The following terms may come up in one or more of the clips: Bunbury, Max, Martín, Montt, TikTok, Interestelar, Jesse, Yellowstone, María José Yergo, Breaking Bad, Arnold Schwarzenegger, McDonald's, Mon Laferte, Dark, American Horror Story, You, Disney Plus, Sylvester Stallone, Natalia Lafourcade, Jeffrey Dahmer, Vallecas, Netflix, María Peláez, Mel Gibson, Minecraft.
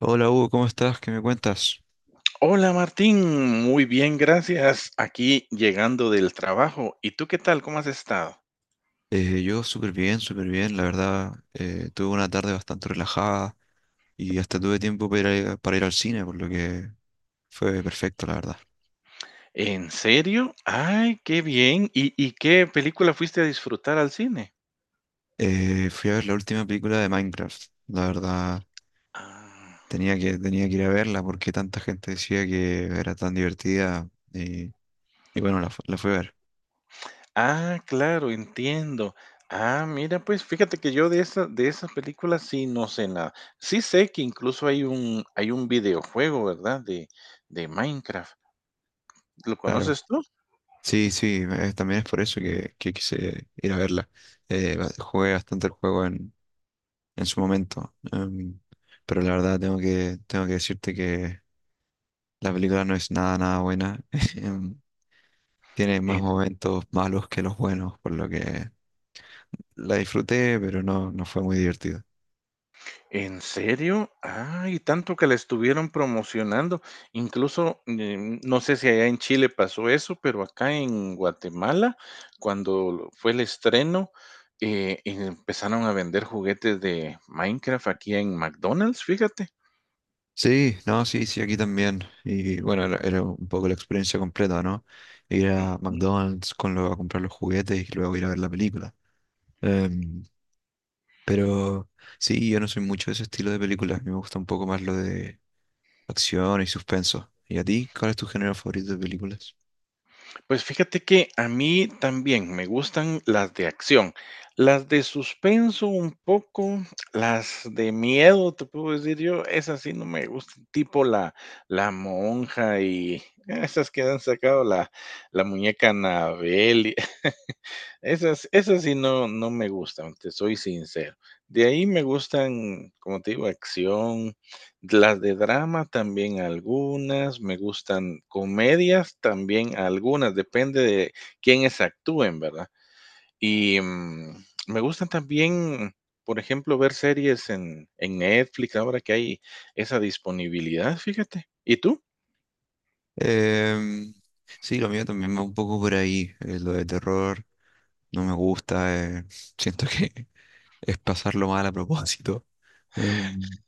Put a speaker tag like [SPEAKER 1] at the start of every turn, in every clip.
[SPEAKER 1] Hola Hugo, ¿cómo estás? ¿Qué me cuentas?
[SPEAKER 2] Hola Martín, muy bien, gracias. Aquí llegando del trabajo. ¿Y tú qué tal? ¿Cómo has estado?
[SPEAKER 1] Yo súper bien, la verdad. Tuve una tarde bastante relajada y hasta tuve tiempo para para ir al cine, por lo que fue perfecto, la verdad.
[SPEAKER 2] ¿En serio? Ay, qué bien. ¿Y qué película fuiste a disfrutar al cine?
[SPEAKER 1] Fui a ver la última película de Minecraft. La verdad,
[SPEAKER 2] Ah,
[SPEAKER 1] tenía que ir a verla porque tanta gente decía que era tan divertida y bueno, la fui a ver,
[SPEAKER 2] ah, claro, entiendo. Ah, mira, pues fíjate que yo de esa, de esas películas sí no sé nada. Sí sé que incluso hay un videojuego, ¿verdad? De Minecraft. ¿Lo
[SPEAKER 1] claro.
[SPEAKER 2] conoces tú?
[SPEAKER 1] Sí, sí, también es por eso que quise ir a verla. Jugué bastante el juego en su momento. Pero la verdad tengo que decirte que la película no es nada, nada buena. em, Tiene más
[SPEAKER 2] ¿En
[SPEAKER 1] momentos malos que los buenos, por lo que la disfruté, pero no, no fue muy divertido.
[SPEAKER 2] en serio? Ay, tanto que la estuvieron promocionando. Incluso, no sé si allá en Chile pasó eso, pero acá en Guatemala, cuando lo fue el estreno, empezaron a vender juguetes de Minecraft aquí en McDonald's, fíjate.
[SPEAKER 1] Sí, no, sí, sí, aquí también. Y bueno, era, era un poco la experiencia completa, ¿no? Ir a
[SPEAKER 2] Ujú.
[SPEAKER 1] McDonald's a comprar los juguetes y luego ir a ver la película. Em, pero sí, yo no soy mucho de ese estilo de película. A mí me gusta un poco más lo de acción y suspenso. ¿Y a ti? ¿Cuál es tu género favorito de películas?
[SPEAKER 2] Pues fíjate que a mí también me gustan las de acción, las de suspenso un poco, las de miedo, te puedo decir yo, esas sí no me gustan, tipo la, la monja y esas que han sacado la, la muñeca Anabel esas sí no me gustan, te soy sincero. De ahí me gustan, como te digo, acción, las de drama también algunas, me gustan comedias también algunas, depende de quiénes actúen, ¿verdad? Y, me gustan también, por ejemplo, ver series en Netflix, ahora que hay esa disponibilidad, fíjate. ¿Y tú?
[SPEAKER 1] Em, sí, lo mío también va un poco por ahí. Lo de terror no me gusta. Siento que es pasarlo mal a propósito. Em,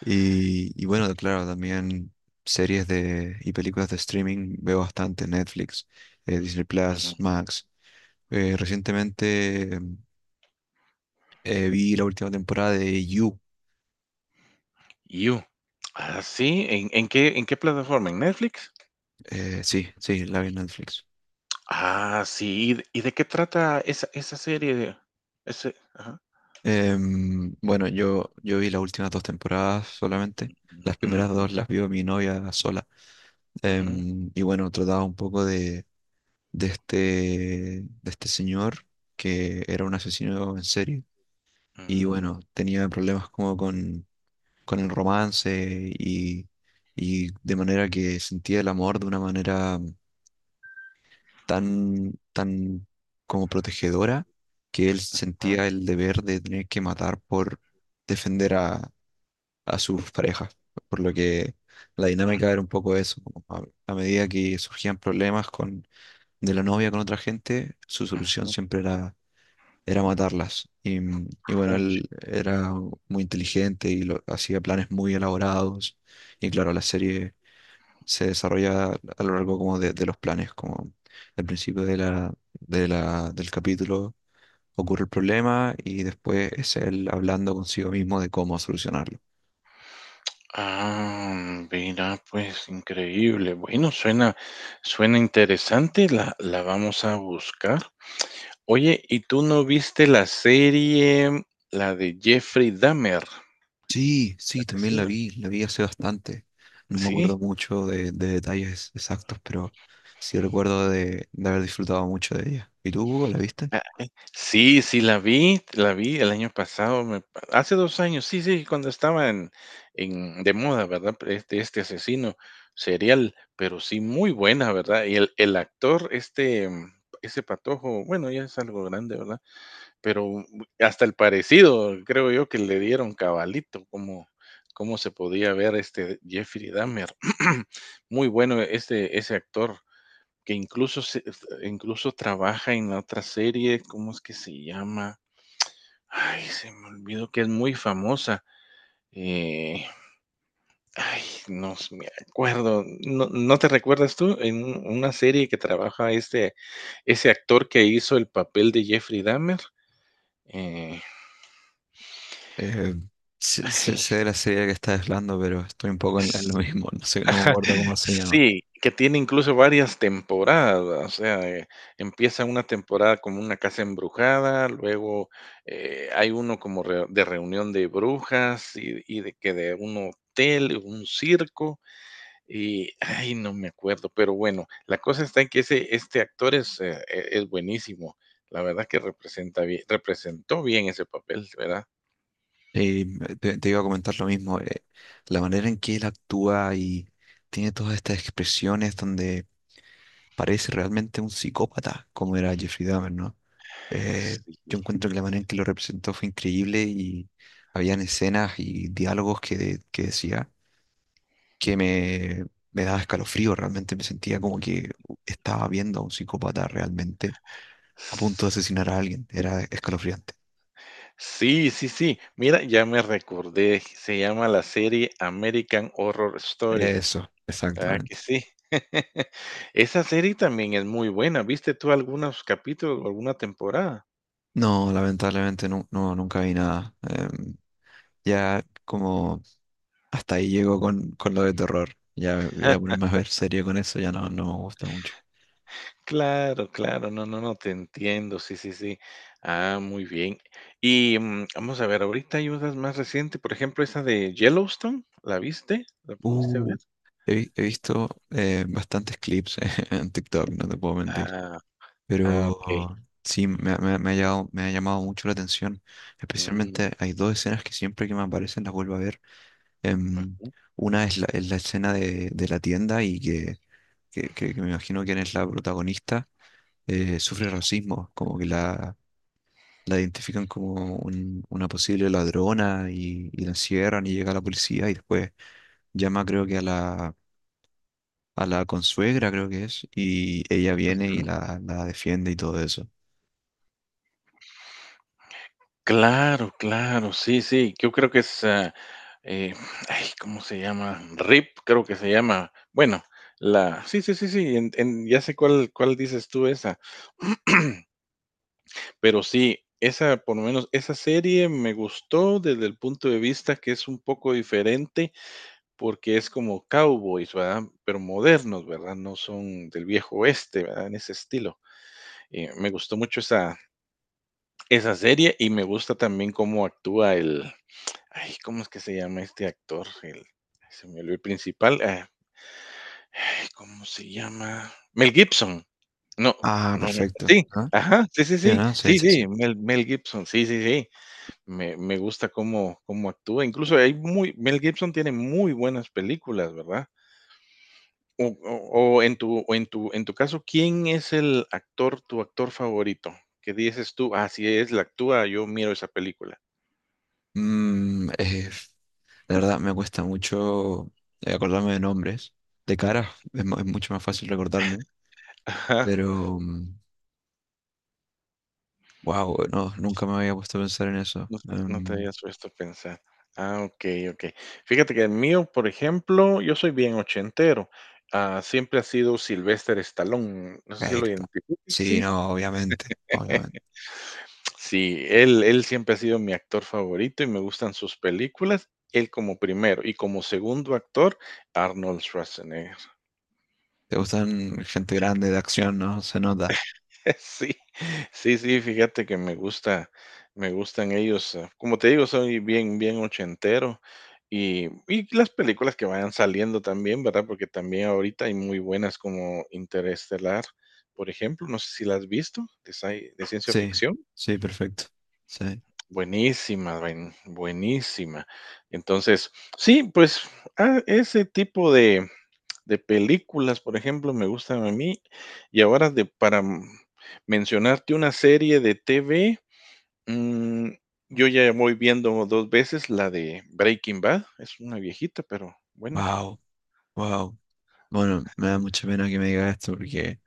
[SPEAKER 1] y, y bueno, claro, también y películas de streaming veo bastante. Netflix, Disney
[SPEAKER 2] Mm,
[SPEAKER 1] Plus, Max. Recientemente vi la última temporada de You.
[SPEAKER 2] You. Ah, sí, ¿en qué en qué plataforma? ¿En Netflix?
[SPEAKER 1] Sí, sí, la vi en Netflix.
[SPEAKER 2] Ah, sí, ¿y de qué trata esa serie? Ese ajá.
[SPEAKER 1] Bueno, yo vi las últimas dos temporadas solamente. Las primeras
[SPEAKER 2] Ujú,
[SPEAKER 1] dos las vio mi novia sola.
[SPEAKER 2] ujú,
[SPEAKER 1] Y bueno, trataba un poco de este, de este señor que era un asesino en serie. Y
[SPEAKER 2] mm,
[SPEAKER 1] bueno, tenía problemas con el romance y de manera que sentía el amor de una manera tan, tan como protegedora que él
[SPEAKER 2] ujú,
[SPEAKER 1] sentía el deber de tener que matar por defender a sus parejas. Por lo que la dinámica era un poco eso. A medida que surgían problemas de la novia con otra gente, su solución
[SPEAKER 2] un
[SPEAKER 1] siempre era, era matarlas. Y bueno,
[SPEAKER 2] coach.
[SPEAKER 1] él era muy inteligente y hacía planes muy elaborados. Y claro, la serie se desarrolla a lo largo como de los planes, como al principio del capítulo ocurre el problema y después es él hablando consigo mismo de cómo solucionarlo.
[SPEAKER 2] Ah, mira, pues increíble. Bueno, suena interesante, la vamos a buscar. Oye, ¿y tú no viste la serie, la de Jeffrey Dahmer,
[SPEAKER 1] Sí,
[SPEAKER 2] el
[SPEAKER 1] sí, también
[SPEAKER 2] asesino?
[SPEAKER 1] la vi hace bastante. No me
[SPEAKER 2] Sí.
[SPEAKER 1] acuerdo mucho de detalles exactos, pero sí recuerdo de haber disfrutado mucho de ella. ¿Y tú, Hugo, la viste?
[SPEAKER 2] Ah, sí, sí, la vi el año pasado, me pa hace 2 años, sí, sí, cuando estaba en de moda, ¿verdad? Este asesino serial, pero sí muy buena, ¿verdad? Y el actor, este, ese patojo, bueno, ya es algo grande, ¿verdad? Pero hasta el parecido, creo yo que le dieron cabalito, como cómo se podía ver, este, Jeffrey Dahmer. Muy bueno ese actor que incluso trabaja en la otra serie, ¿cómo es que se llama? Ay, se me olvidó que es muy famosa. Eh, ay, me acuerdo. ¿No te recuerdas tú en una serie que trabaja este ese actor que hizo el papel de Jeffrey Dahmer? Eh,
[SPEAKER 1] Eh, Sé de la serie que estás hablando, pero estoy un poco en lo mismo. No sé, no me acuerdo cómo se llama.
[SPEAKER 2] Sí, que tiene incluso varias temporadas, o sea, empieza una temporada como una casa embrujada, luego, hay uno como re de reunión de brujas y de un hotel, un circo, y, ay, no me acuerdo, pero bueno, la cosa está en que ese este actor es, es buenísimo. La verdad que representa bien representó bien ese papel, ¿verdad?
[SPEAKER 1] Eh, Te iba a comentar lo mismo, la manera en que él actúa y tiene todas estas expresiones donde parece realmente un psicópata, como era Jeffrey Dahmer, ¿no? Eh,
[SPEAKER 2] Sí.
[SPEAKER 1] yo encuentro que la manera en que lo representó fue increíble y habían escenas y diálogos que decía que me daba escalofrío, realmente me sentía como que estaba viendo a un psicópata realmente a punto de asesinar a alguien, era escalofriante.
[SPEAKER 2] Sí, sí, sí. Mira, ya me recordé, se llama la serie American Horror Story.
[SPEAKER 1] Eso,
[SPEAKER 2] Ah, que
[SPEAKER 1] exactamente.
[SPEAKER 2] sí. Esa serie también es muy buena. ¿Viste tú algunos capítulos o alguna temporada?
[SPEAKER 1] No, lamentablemente no, no, nunca vi nada. Ya como hasta ahí llego con lo de terror. Ya voy a ponerme a ver serio con eso, ya no, no me gusta mucho.
[SPEAKER 2] Claro, claro, no, no, no, te entiendo, sí, sí, sí. Ah, muy bien. Y vamos a ver, ahorita hay unas más recientes, por ejemplo, esa de Yellowstone, ¿la viste? ¿La pudiste ver?
[SPEAKER 1] Uh, He visto bastantes clips en TikTok, no te puedo mentir.
[SPEAKER 2] Ah, ah, ok.
[SPEAKER 1] Pero sí, me ha llamado mucho la atención.
[SPEAKER 2] Mm,
[SPEAKER 1] Especialmente hay dos escenas que siempre que me aparecen las vuelvo a ver. Em,
[SPEAKER 2] ujú,
[SPEAKER 1] una es la escena de la tienda y que me imagino quién es la protagonista sufre racismo, como que la identifican como una posible ladrona y la encierran y llega la policía y después llama creo que a a la consuegra, creo que es, y ella viene y la defiende y todo eso.
[SPEAKER 2] Claro, claro, sí, sí, yo creo que es, ah, eh, ay, ¿cómo se llama? RIP, creo que se llama. Bueno, la sí, sí, sí, sí, en ya sé cuál dices tú, esa. Pero sí, esa, por lo menos, esa serie me gustó desde el punto de vista que es un poco diferente, porque es como cowboys, ¿verdad? Pero modernos, ¿verdad? No son del viejo oeste, ¿verdad? En ese estilo. Me gustó mucho esa serie y me gusta también cómo actúa el Ay, ¿cómo es que se llama este actor? El se me olvidó el principal, ah, ay, ¿cómo se llama? Mel Gibson. No,
[SPEAKER 1] Ah,
[SPEAKER 2] no,
[SPEAKER 1] perfecto.
[SPEAKER 2] sí,
[SPEAKER 1] Ah,
[SPEAKER 2] ajá, sí, sí,
[SPEAKER 1] sí,
[SPEAKER 2] sí,
[SPEAKER 1] ¿no? Sí,
[SPEAKER 2] sí,
[SPEAKER 1] sí, sí.
[SPEAKER 2] sí, Mel Gibson, sí, sí, sí, me gusta cómo actúa, incluso hay muy Mel Gibson tiene muy buenas películas, ¿verdad? O en tu en tu caso, ¿quién es el actor, tu actor favorito? ¿Qué dices tú: "Ah, si él actúa, yo miro esa película".
[SPEAKER 1] Mm, eh, la verdad me cuesta mucho, acordarme de nombres. De cara
[SPEAKER 2] Mm,
[SPEAKER 1] es, es mucho más fácil recordarme,
[SPEAKER 2] ajá.
[SPEAKER 1] pero wow, no, nunca me había puesto a pensar en eso.
[SPEAKER 2] No no te
[SPEAKER 1] Em,
[SPEAKER 2] habías puesto a pensar. Ah, okey, okey. Fíjate que el mío, por ejemplo, yo soy bien ochentero. Ah, siempre ha sido Sylvester Stallone, no sé si lo
[SPEAKER 1] perfecto.
[SPEAKER 2] identificas.
[SPEAKER 1] Sí,
[SPEAKER 2] Sí.
[SPEAKER 1] no, obviamente, obviamente.
[SPEAKER 2] Sí, él siempre ha sido mi actor favorito y me gustan sus películas, él como primero, y como segundo actor, Arnold Schwarzenegger.
[SPEAKER 1] Te gustan gente grande de acción, ¿no? Se nota.
[SPEAKER 2] Sí, sí, sí, fíjate que me gusta, me gustan ellos. Como te digo, soy bien ochentero. Y las películas que vayan saliendo también, ¿verdad? Porque también ahorita hay muy buenas como Interestelar, por ejemplo. No sé si la has visto, de, de ciencia
[SPEAKER 1] Sí,
[SPEAKER 2] ficción.
[SPEAKER 1] sí, perfecto. Sí.
[SPEAKER 2] Buenísima, buenísima. Entonces, sí, pues ah, ese tipo de películas, por ejemplo, me gustan a mí. Y ahora de para, mencionarte una serie de TV, mm, yo ya voy viendo 2 veces la de Breaking Bad, es una viejita, pero buena.
[SPEAKER 1] Wow, wow. Bueno, me da mucha pena que me digas esto porque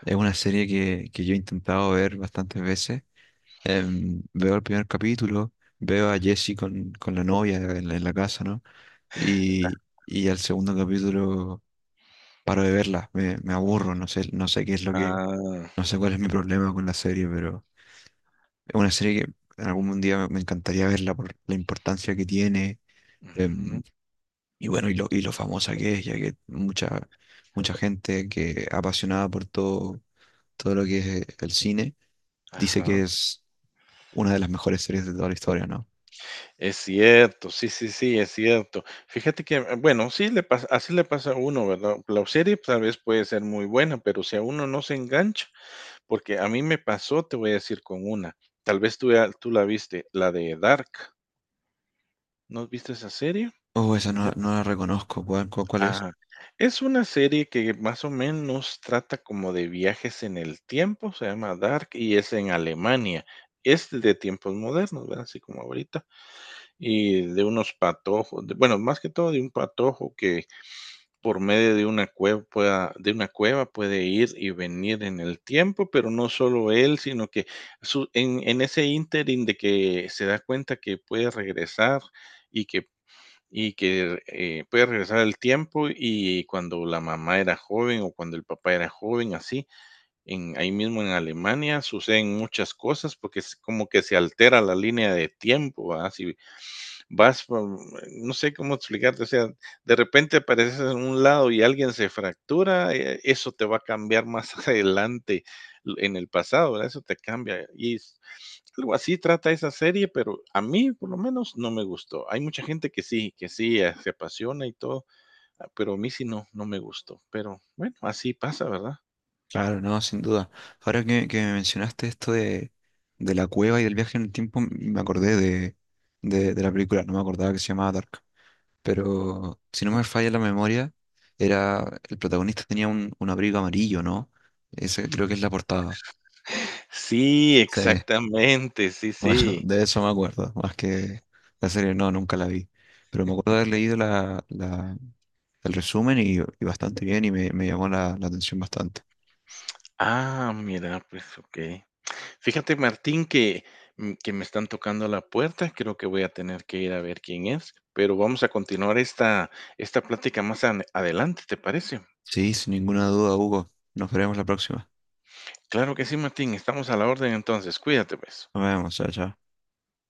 [SPEAKER 1] es una serie que yo he intentado ver bastantes veces. Veo el primer capítulo, veo a Jesse con la novia en en la casa, ¿no? Y, y al segundo capítulo paro de verla, me aburro, no sé, no sé qué es lo que,
[SPEAKER 2] Ah,
[SPEAKER 1] no sé cuál es mi problema con la serie, pero... Es una serie que en algún día me me encantaría verla por la importancia que tiene
[SPEAKER 2] ujú,
[SPEAKER 1] em, y bueno, y lo famosa que es, ya que mucha, mucha gente que apasionada por todo, todo lo que es el cine dice
[SPEAKER 2] ajá.
[SPEAKER 1] que es una de las mejores series de toda la historia, ¿no?
[SPEAKER 2] Es cierto, sí, sí, sí, es cierto. Fíjate que, bueno, sí le pasa así le pasa a uno, ¿verdad? La serie tal vez puede ser muy buena, pero si a uno no se engancha, porque a mí me pasó, te voy a decir con una, tal vez tú ya tú la viste, la de Dark. ¿No has visto esa serie?
[SPEAKER 1] Oh, esa no,
[SPEAKER 2] Macbeth.
[SPEAKER 1] no la reconozco, ¿cuál, cuál es?
[SPEAKER 2] Ajá. Es una serie que más o menos trata como de viajes en el tiempo, se llama Dark y es en Alemania. Es de tiempos modernos, ¿verdad? Así como ahorita. Y de unos patojos, bueno, más que todo de un patojo que por medio de una cueva pueda, de una cueva puede ir y venir en el tiempo, pero no solo él, sino que en ese ínterin de que se da cuenta que puede regresar y que puedes regresar al tiempo y cuando la mamá era joven o cuando el papá era joven, así, en ahí mismo en Alemania suceden muchas cosas porque es como que se altera la línea de tiempo, ¿verdad? Si vas, por no sé cómo explicarte, o sea, de repente apareces en un lado y alguien se fractura, eso te va a cambiar más adelante l en el pasado, ¿verdad? Eso te cambia y algo así trata esa serie, pero a mí, por lo menos, no me gustó. Hay mucha gente que sí, se apasiona y todo, ah, pero a mí sí no, no me gustó. Pero bueno, así pasa, ¿verdad?
[SPEAKER 1] Claro, no, sin duda. Ahora que me mencionaste esto de la cueva y del viaje en el tiempo, me acordé de la película, no me acordaba que se llamaba Dark. Pero si no me falla la memoria, era el protagonista tenía un abrigo amarillo, ¿no? Ese creo que es la portada.
[SPEAKER 2] Sí,
[SPEAKER 1] Sí,
[SPEAKER 2] exactamente, sí,
[SPEAKER 1] bueno,
[SPEAKER 2] sí.
[SPEAKER 1] de eso me acuerdo, más que la serie, no, nunca la vi. Pero me acuerdo de haber leído el resumen y bastante bien y me llamó la atención bastante.
[SPEAKER 2] Ah, mira, pues okey. Fíjate, Martín, que, que me están tocando la puerta, creo que voy a tener que ir a ver quién es, pero vamos a continuar esta plática más ane adelante, ¿te parece?
[SPEAKER 1] Sí, sin ninguna duda, Hugo. Nos veremos la próxima.
[SPEAKER 2] Claro que sí, Martín, estamos a la orden entonces, cuídate, pues.
[SPEAKER 1] Nos vemos, chao, chao.